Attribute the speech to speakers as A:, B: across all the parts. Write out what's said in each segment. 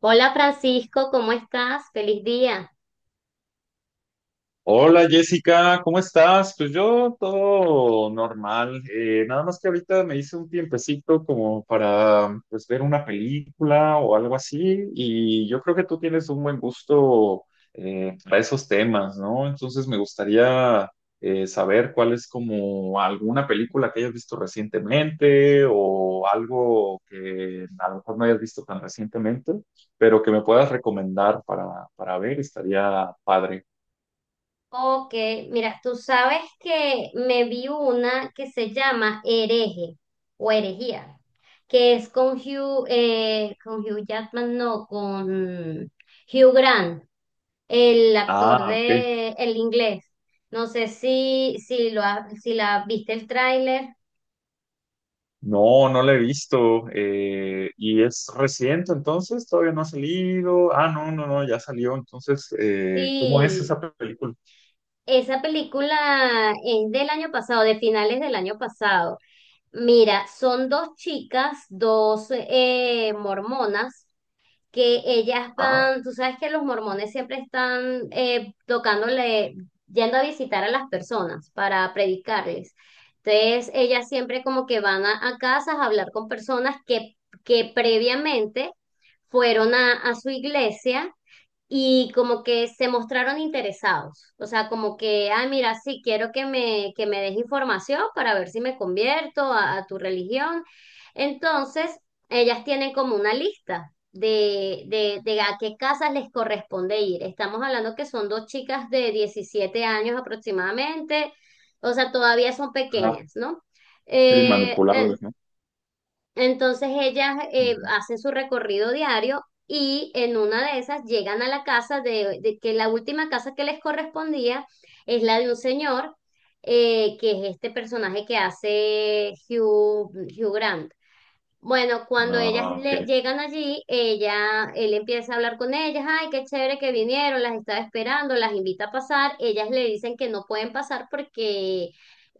A: Hola Francisco, ¿cómo estás? Feliz día.
B: Hola Jessica, ¿cómo estás? Pues yo todo normal, nada más que ahorita me hice un tiempecito como para pues ver una película o algo así, y yo creo que tú tienes un buen gusto para esos temas, ¿no? Entonces me gustaría saber cuál es como alguna película que hayas visto recientemente o algo que a lo mejor no hayas visto tan recientemente, pero que me puedas recomendar para ver, estaría padre.
A: Ok, mira, tú sabes que me vi una que se llama Hereje o Herejía, que es con Hugh Jackman, no, con Hugh Grant, el actor
B: Ah, ok.
A: de El Inglés. No sé si si la viste el tráiler.
B: No, no la he visto. ¿Y es reciente entonces? ¿Todavía no ha salido? Ah, no, no, no, ya salió. Entonces, ¿cómo es
A: Sí,
B: esa película?
A: esa película es del año pasado, de finales del año pasado. Mira, son dos chicas, dos mormonas, que ellas
B: Ah,
A: van, tú sabes que los mormones siempre están tocándole, yendo a visitar a las personas para predicarles. Entonces, ellas siempre como que van a casas a hablar con personas que previamente fueron a su iglesia y como que se mostraron interesados, o sea, como que, ah, mira, sí, quiero que me des información para ver si me convierto a tu religión. Entonces, ellas tienen como una lista de a qué casas les corresponde ir. Estamos hablando que son dos chicas de 17 años aproximadamente, o sea, todavía son
B: ajá,
A: pequeñas, ¿no?
B: sí,
A: Eh, eh,
B: manipulables, ¿no?
A: entonces ellas
B: Ujú.
A: hacen su recorrido diario y en una de esas llegan a la casa de, que la última casa que les correspondía es la de un señor que es este personaje que hace Hugh Grant. Bueno, cuando ellas
B: Ah, ok.
A: le llegan allí, ella, él empieza a hablar con ellas, ay, qué chévere que vinieron, las estaba esperando, las invita a pasar, ellas le dicen que no pueden pasar porque,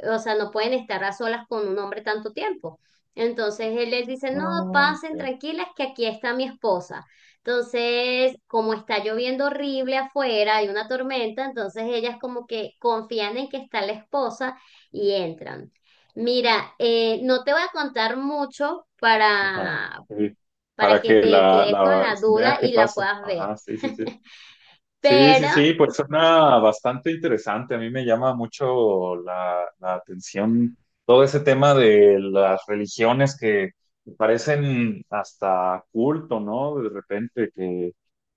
A: o sea, no pueden estar a solas con un hombre tanto tiempo. Entonces él les dice, no,
B: Ah, ok.
A: pasen tranquilas, que aquí está mi esposa. Entonces, como está lloviendo horrible afuera, hay una tormenta, entonces ellas como que confían en que está la esposa y entran. Mira, no te voy a contar mucho
B: Ajá,
A: para,
B: sí.
A: para
B: Para
A: que
B: que
A: te quedes con
B: la
A: la
B: vea
A: duda
B: qué
A: y la
B: pasa.
A: puedas ver,
B: Ajá, sí, sí, sí. Sí,
A: pero
B: sí, sí, pues suena bastante interesante. A mí me llama mucho la atención todo ese tema de las religiones que parecen hasta culto, ¿no? De repente que,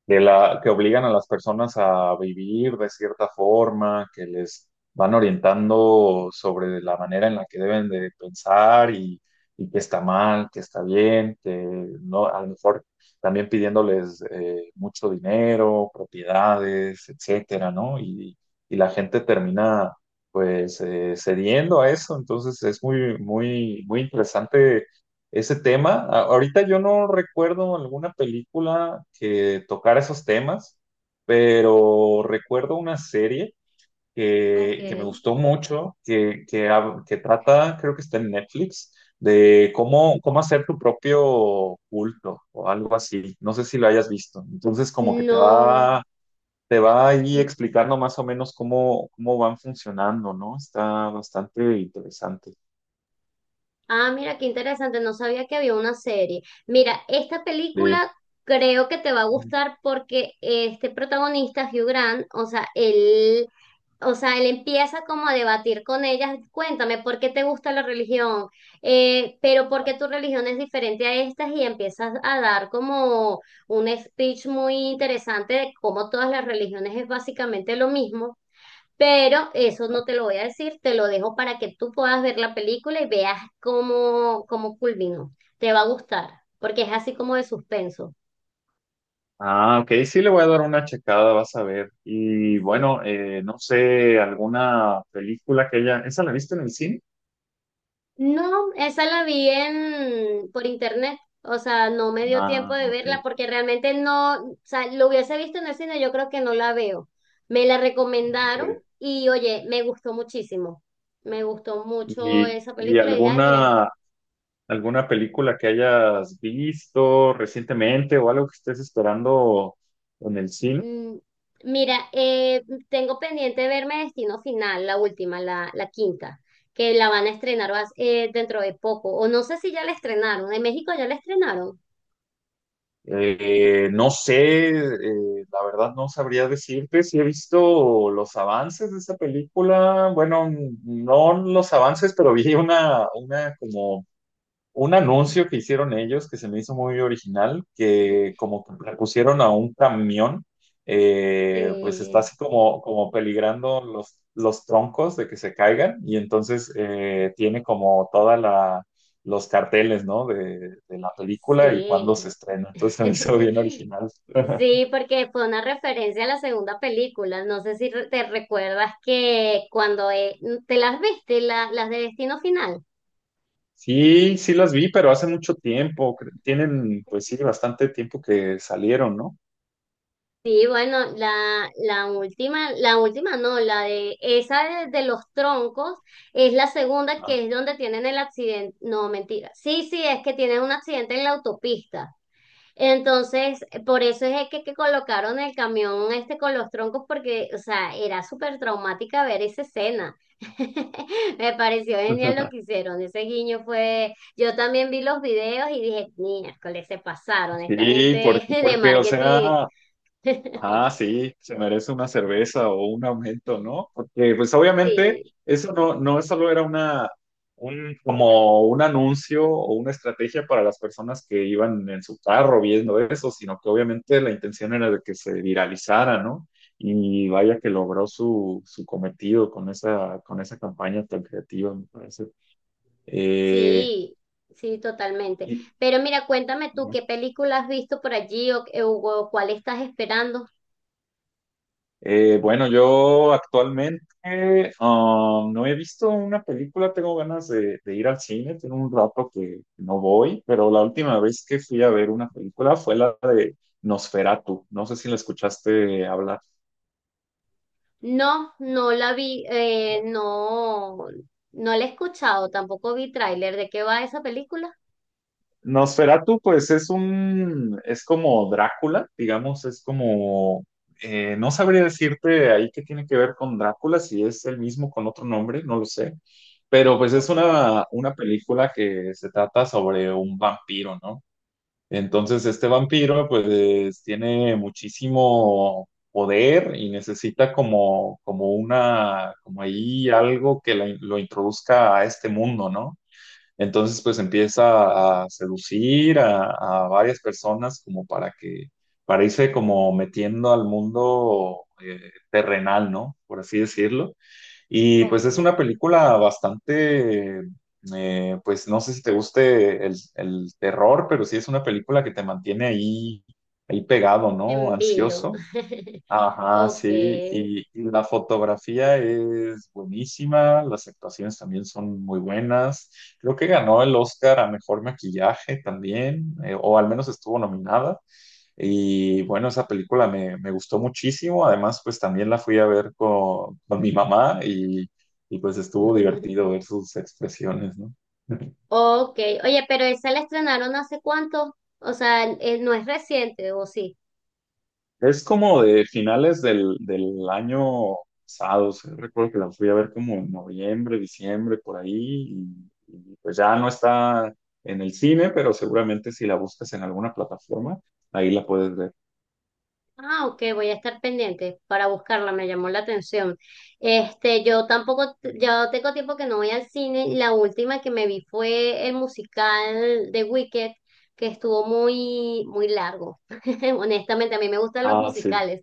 B: que obligan a las personas a vivir de cierta forma, que les van orientando sobre la manera en la que deben de pensar, y que está mal, que está bien, que no, a lo mejor también pidiéndoles mucho dinero, propiedades, etcétera, ¿no? Y la gente termina pues cediendo a eso. Entonces es muy, muy, muy interesante ese tema. Ahorita yo no recuerdo alguna película que tocara esos temas, pero recuerdo una serie
A: Ok.
B: que me gustó mucho, que trata, creo que está en Netflix, de cómo, cómo hacer tu propio culto o algo así. No sé si lo hayas visto. Entonces, como que
A: No.
B: te va ahí explicando más o menos cómo, cómo van funcionando, ¿no? Está bastante interesante.
A: Ah, mira, qué interesante, no sabía que había una serie. Mira, esta
B: De...
A: película creo que te va a gustar porque este protagonista, Hugh Grant, o sea, él, empieza como a debatir con ellas, cuéntame, ¿por qué te gusta la religión? Pero ¿por qué tu religión es diferente a estas? Y empiezas a dar como un speech muy interesante de cómo todas las religiones es básicamente lo mismo. Pero eso no te lo voy a decir, te lo dejo para que tú puedas ver la película y veas cómo culminó. Te va a gustar, porque es así como de suspenso.
B: Ah, ok, sí le voy a dar una checada, vas a ver. Y
A: Sí.
B: bueno, no sé, alguna película que ella, ¿esa la viste en el cine?
A: No, esa la vi por internet, o sea, no me dio tiempo
B: Ah,
A: de
B: ok.
A: verla porque realmente no, o sea, lo hubiese visto en el cine, yo creo que no la veo. Me la recomendaron
B: Ok.
A: y oye, me gustó muchísimo. Me gustó mucho esa
B: Y
A: película y dije, ay, mira.
B: alguna, alguna película que hayas visto recientemente o algo que estés esperando en el cine?
A: Mm, Mira, tengo pendiente verme Destino Final, la última, la quinta, que la van a estrenar dentro de poco. O no sé si ya la estrenaron. En México ya la estrenaron.
B: No sé, la verdad no sabría decirte si he visto los avances de esa película. Bueno, no los avances, pero vi una como un anuncio que hicieron ellos que se me hizo muy original, que como que le pusieron a un camión, pues está
A: Sí,
B: así como, como peligrando los troncos de que se caigan, y entonces tiene como toda la, los carteles, ¿no? De la película y cuándo
A: sí.
B: se estrena. Entonces se me hizo bien original.
A: Sí, porque fue una referencia a la segunda película. No sé si te recuerdas que cuando te las viste, las de Destino Final.
B: Sí, sí las vi, pero hace mucho tiempo. Tienen, pues sí, bastante tiempo que salieron, ¿no?
A: Sí, bueno, la última, la última no, la de esa de los troncos es la segunda que
B: Ah.
A: es donde tienen el accidente. No, mentira. Sí, sí, es que tienen un accidente en la autopista. Entonces, por eso es que colocaron el camión este con los troncos, porque, o sea, era súper traumática ver esa escena. Me pareció genial lo que hicieron. Ese guiño fue. Yo también vi los videos y dije, miércoles, se pasaron. Esta gente
B: Sí, porque,
A: de
B: porque, o
A: marketing.
B: sea, ah, sí, se merece una cerveza o un aumento, ¿no? Porque pues obviamente
A: Sí,
B: eso no, no solo era una, un, como un anuncio o una estrategia para las personas que iban en su carro viendo eso, sino que obviamente la intención era de que se viralizara, ¿no? Y vaya que logró su, su cometido con esa campaña tan creativa, me parece. Eh,
A: sí, sí, totalmente.
B: y,
A: Pero mira, cuéntame tú, ¿qué película has visto por allí o cuál estás esperando?
B: Bueno, yo actualmente no he visto una película. Tengo ganas de ir al cine, tengo un rato que no voy, pero la última vez que fui a ver una película fue la de Nosferatu, no sé si la escuchaste hablar.
A: No, no la vi, no, no la he escuchado, tampoco vi tráiler. ¿De qué va esa película?
B: Nosferatu, pues es un, es como Drácula, digamos, es como, no sabría decirte ahí qué tiene que ver con Drácula, si es el mismo con otro nombre, no lo sé, pero pues es
A: Ok,
B: una película que se trata sobre un vampiro, ¿no? Entonces este vampiro pues tiene muchísimo poder y necesita como, como una, como ahí algo que lo introduzca a este mundo, ¿no? Entonces, pues empieza a seducir a varias personas como para que, para irse como metiendo al mundo terrenal, ¿no? Por así decirlo. Y pues
A: ok.
B: es una película bastante, pues no sé si te guste el terror, pero sí es una película que te mantiene ahí, ahí pegado, ¿no?
A: En vilo.
B: Ansioso. Ajá,
A: Ok.
B: sí, y la fotografía es buenísima, las actuaciones también son muy buenas. Creo que ganó el Oscar a mejor maquillaje también, o al menos estuvo nominada. Y bueno, esa película me, me gustó muchísimo. Además, pues también la fui a ver con mi mamá, y pues estuvo divertido ver sus expresiones, ¿no?
A: Ok. ¿Oye, pero esa la estrenaron hace cuánto? O sea, no es reciente, ¿o sí?
B: Es como de finales del, del año pasado, o sea, recuerdo que la fui a ver como en noviembre, diciembre, por ahí, y pues ya no está en el cine, pero seguramente si la buscas en alguna plataforma, ahí la puedes ver.
A: Ah, ok, voy a estar pendiente para buscarla, me llamó la atención. Este, yo tampoco, ya tengo tiempo que no voy al cine. La última que me vi fue el musical de Wicked, que estuvo muy, muy largo. Honestamente, a mí me gustan los
B: Ah, sí,
A: musicales,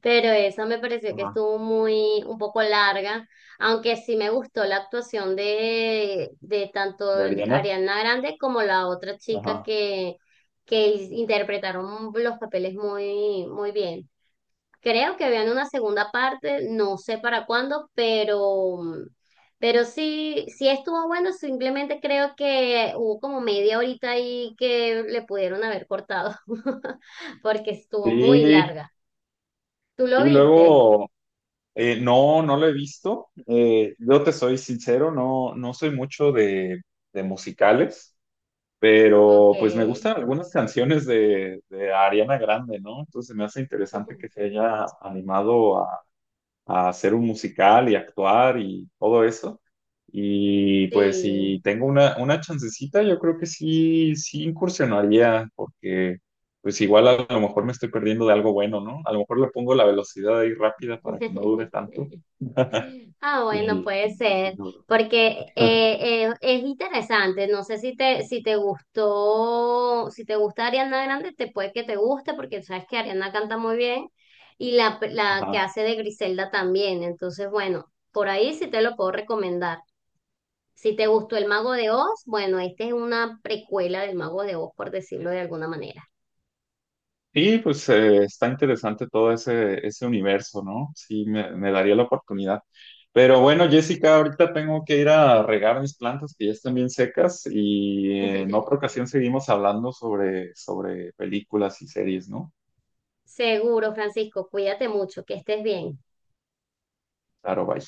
A: pero esa me pareció que
B: ajá,
A: estuvo muy, un poco larga, aunque sí me gustó la actuación de tanto
B: de Ariana,
A: Ariana Grande como la otra chica
B: ajá.
A: que interpretaron los papeles muy, muy bien. Creo que habían una segunda parte, no sé para cuándo, pero sí, sí estuvo bueno, simplemente creo que hubo como media horita ahí que le pudieron haber cortado, porque estuvo muy
B: Sí,
A: larga. ¿Tú lo
B: y
A: viste?
B: luego, no, no lo he visto. Yo te soy sincero, no, no soy mucho de musicales,
A: Ok.
B: pero pues me gustan algunas canciones de Ariana Grande, ¿no? Entonces me hace interesante que se haya animado a hacer un musical y actuar y todo eso. Y pues
A: Sí.
B: si tengo una chancecita, yo creo que sí, sí incursionaría, porque pues igual a lo mejor me estoy perdiendo de algo bueno, ¿no? A lo mejor le pongo la velocidad ahí rápida para que no dure tanto.
A: Ah, bueno,
B: Y,
A: puede
B: y-
A: ser, porque es interesante. No sé si te gustó, si te gusta Ariana Grande, te puede que te guste, porque sabes que Ariana canta muy bien y la que
B: Ajá.
A: hace de Griselda también. Entonces, bueno, por ahí sí te lo puedo recomendar. Si te gustó El Mago de Oz, bueno, esta es una precuela del Mago de Oz, por decirlo de alguna manera.
B: Y pues está interesante todo ese, ese universo, ¿no? Sí, me daría la oportunidad. Pero bueno, Jessica, ahorita tengo que ir a regar mis plantas que ya están bien secas, y en otra ocasión seguimos hablando sobre, sobre películas y series, ¿no?
A: Seguro, Francisco, cuídate mucho, que estés bien.
B: Claro, bye.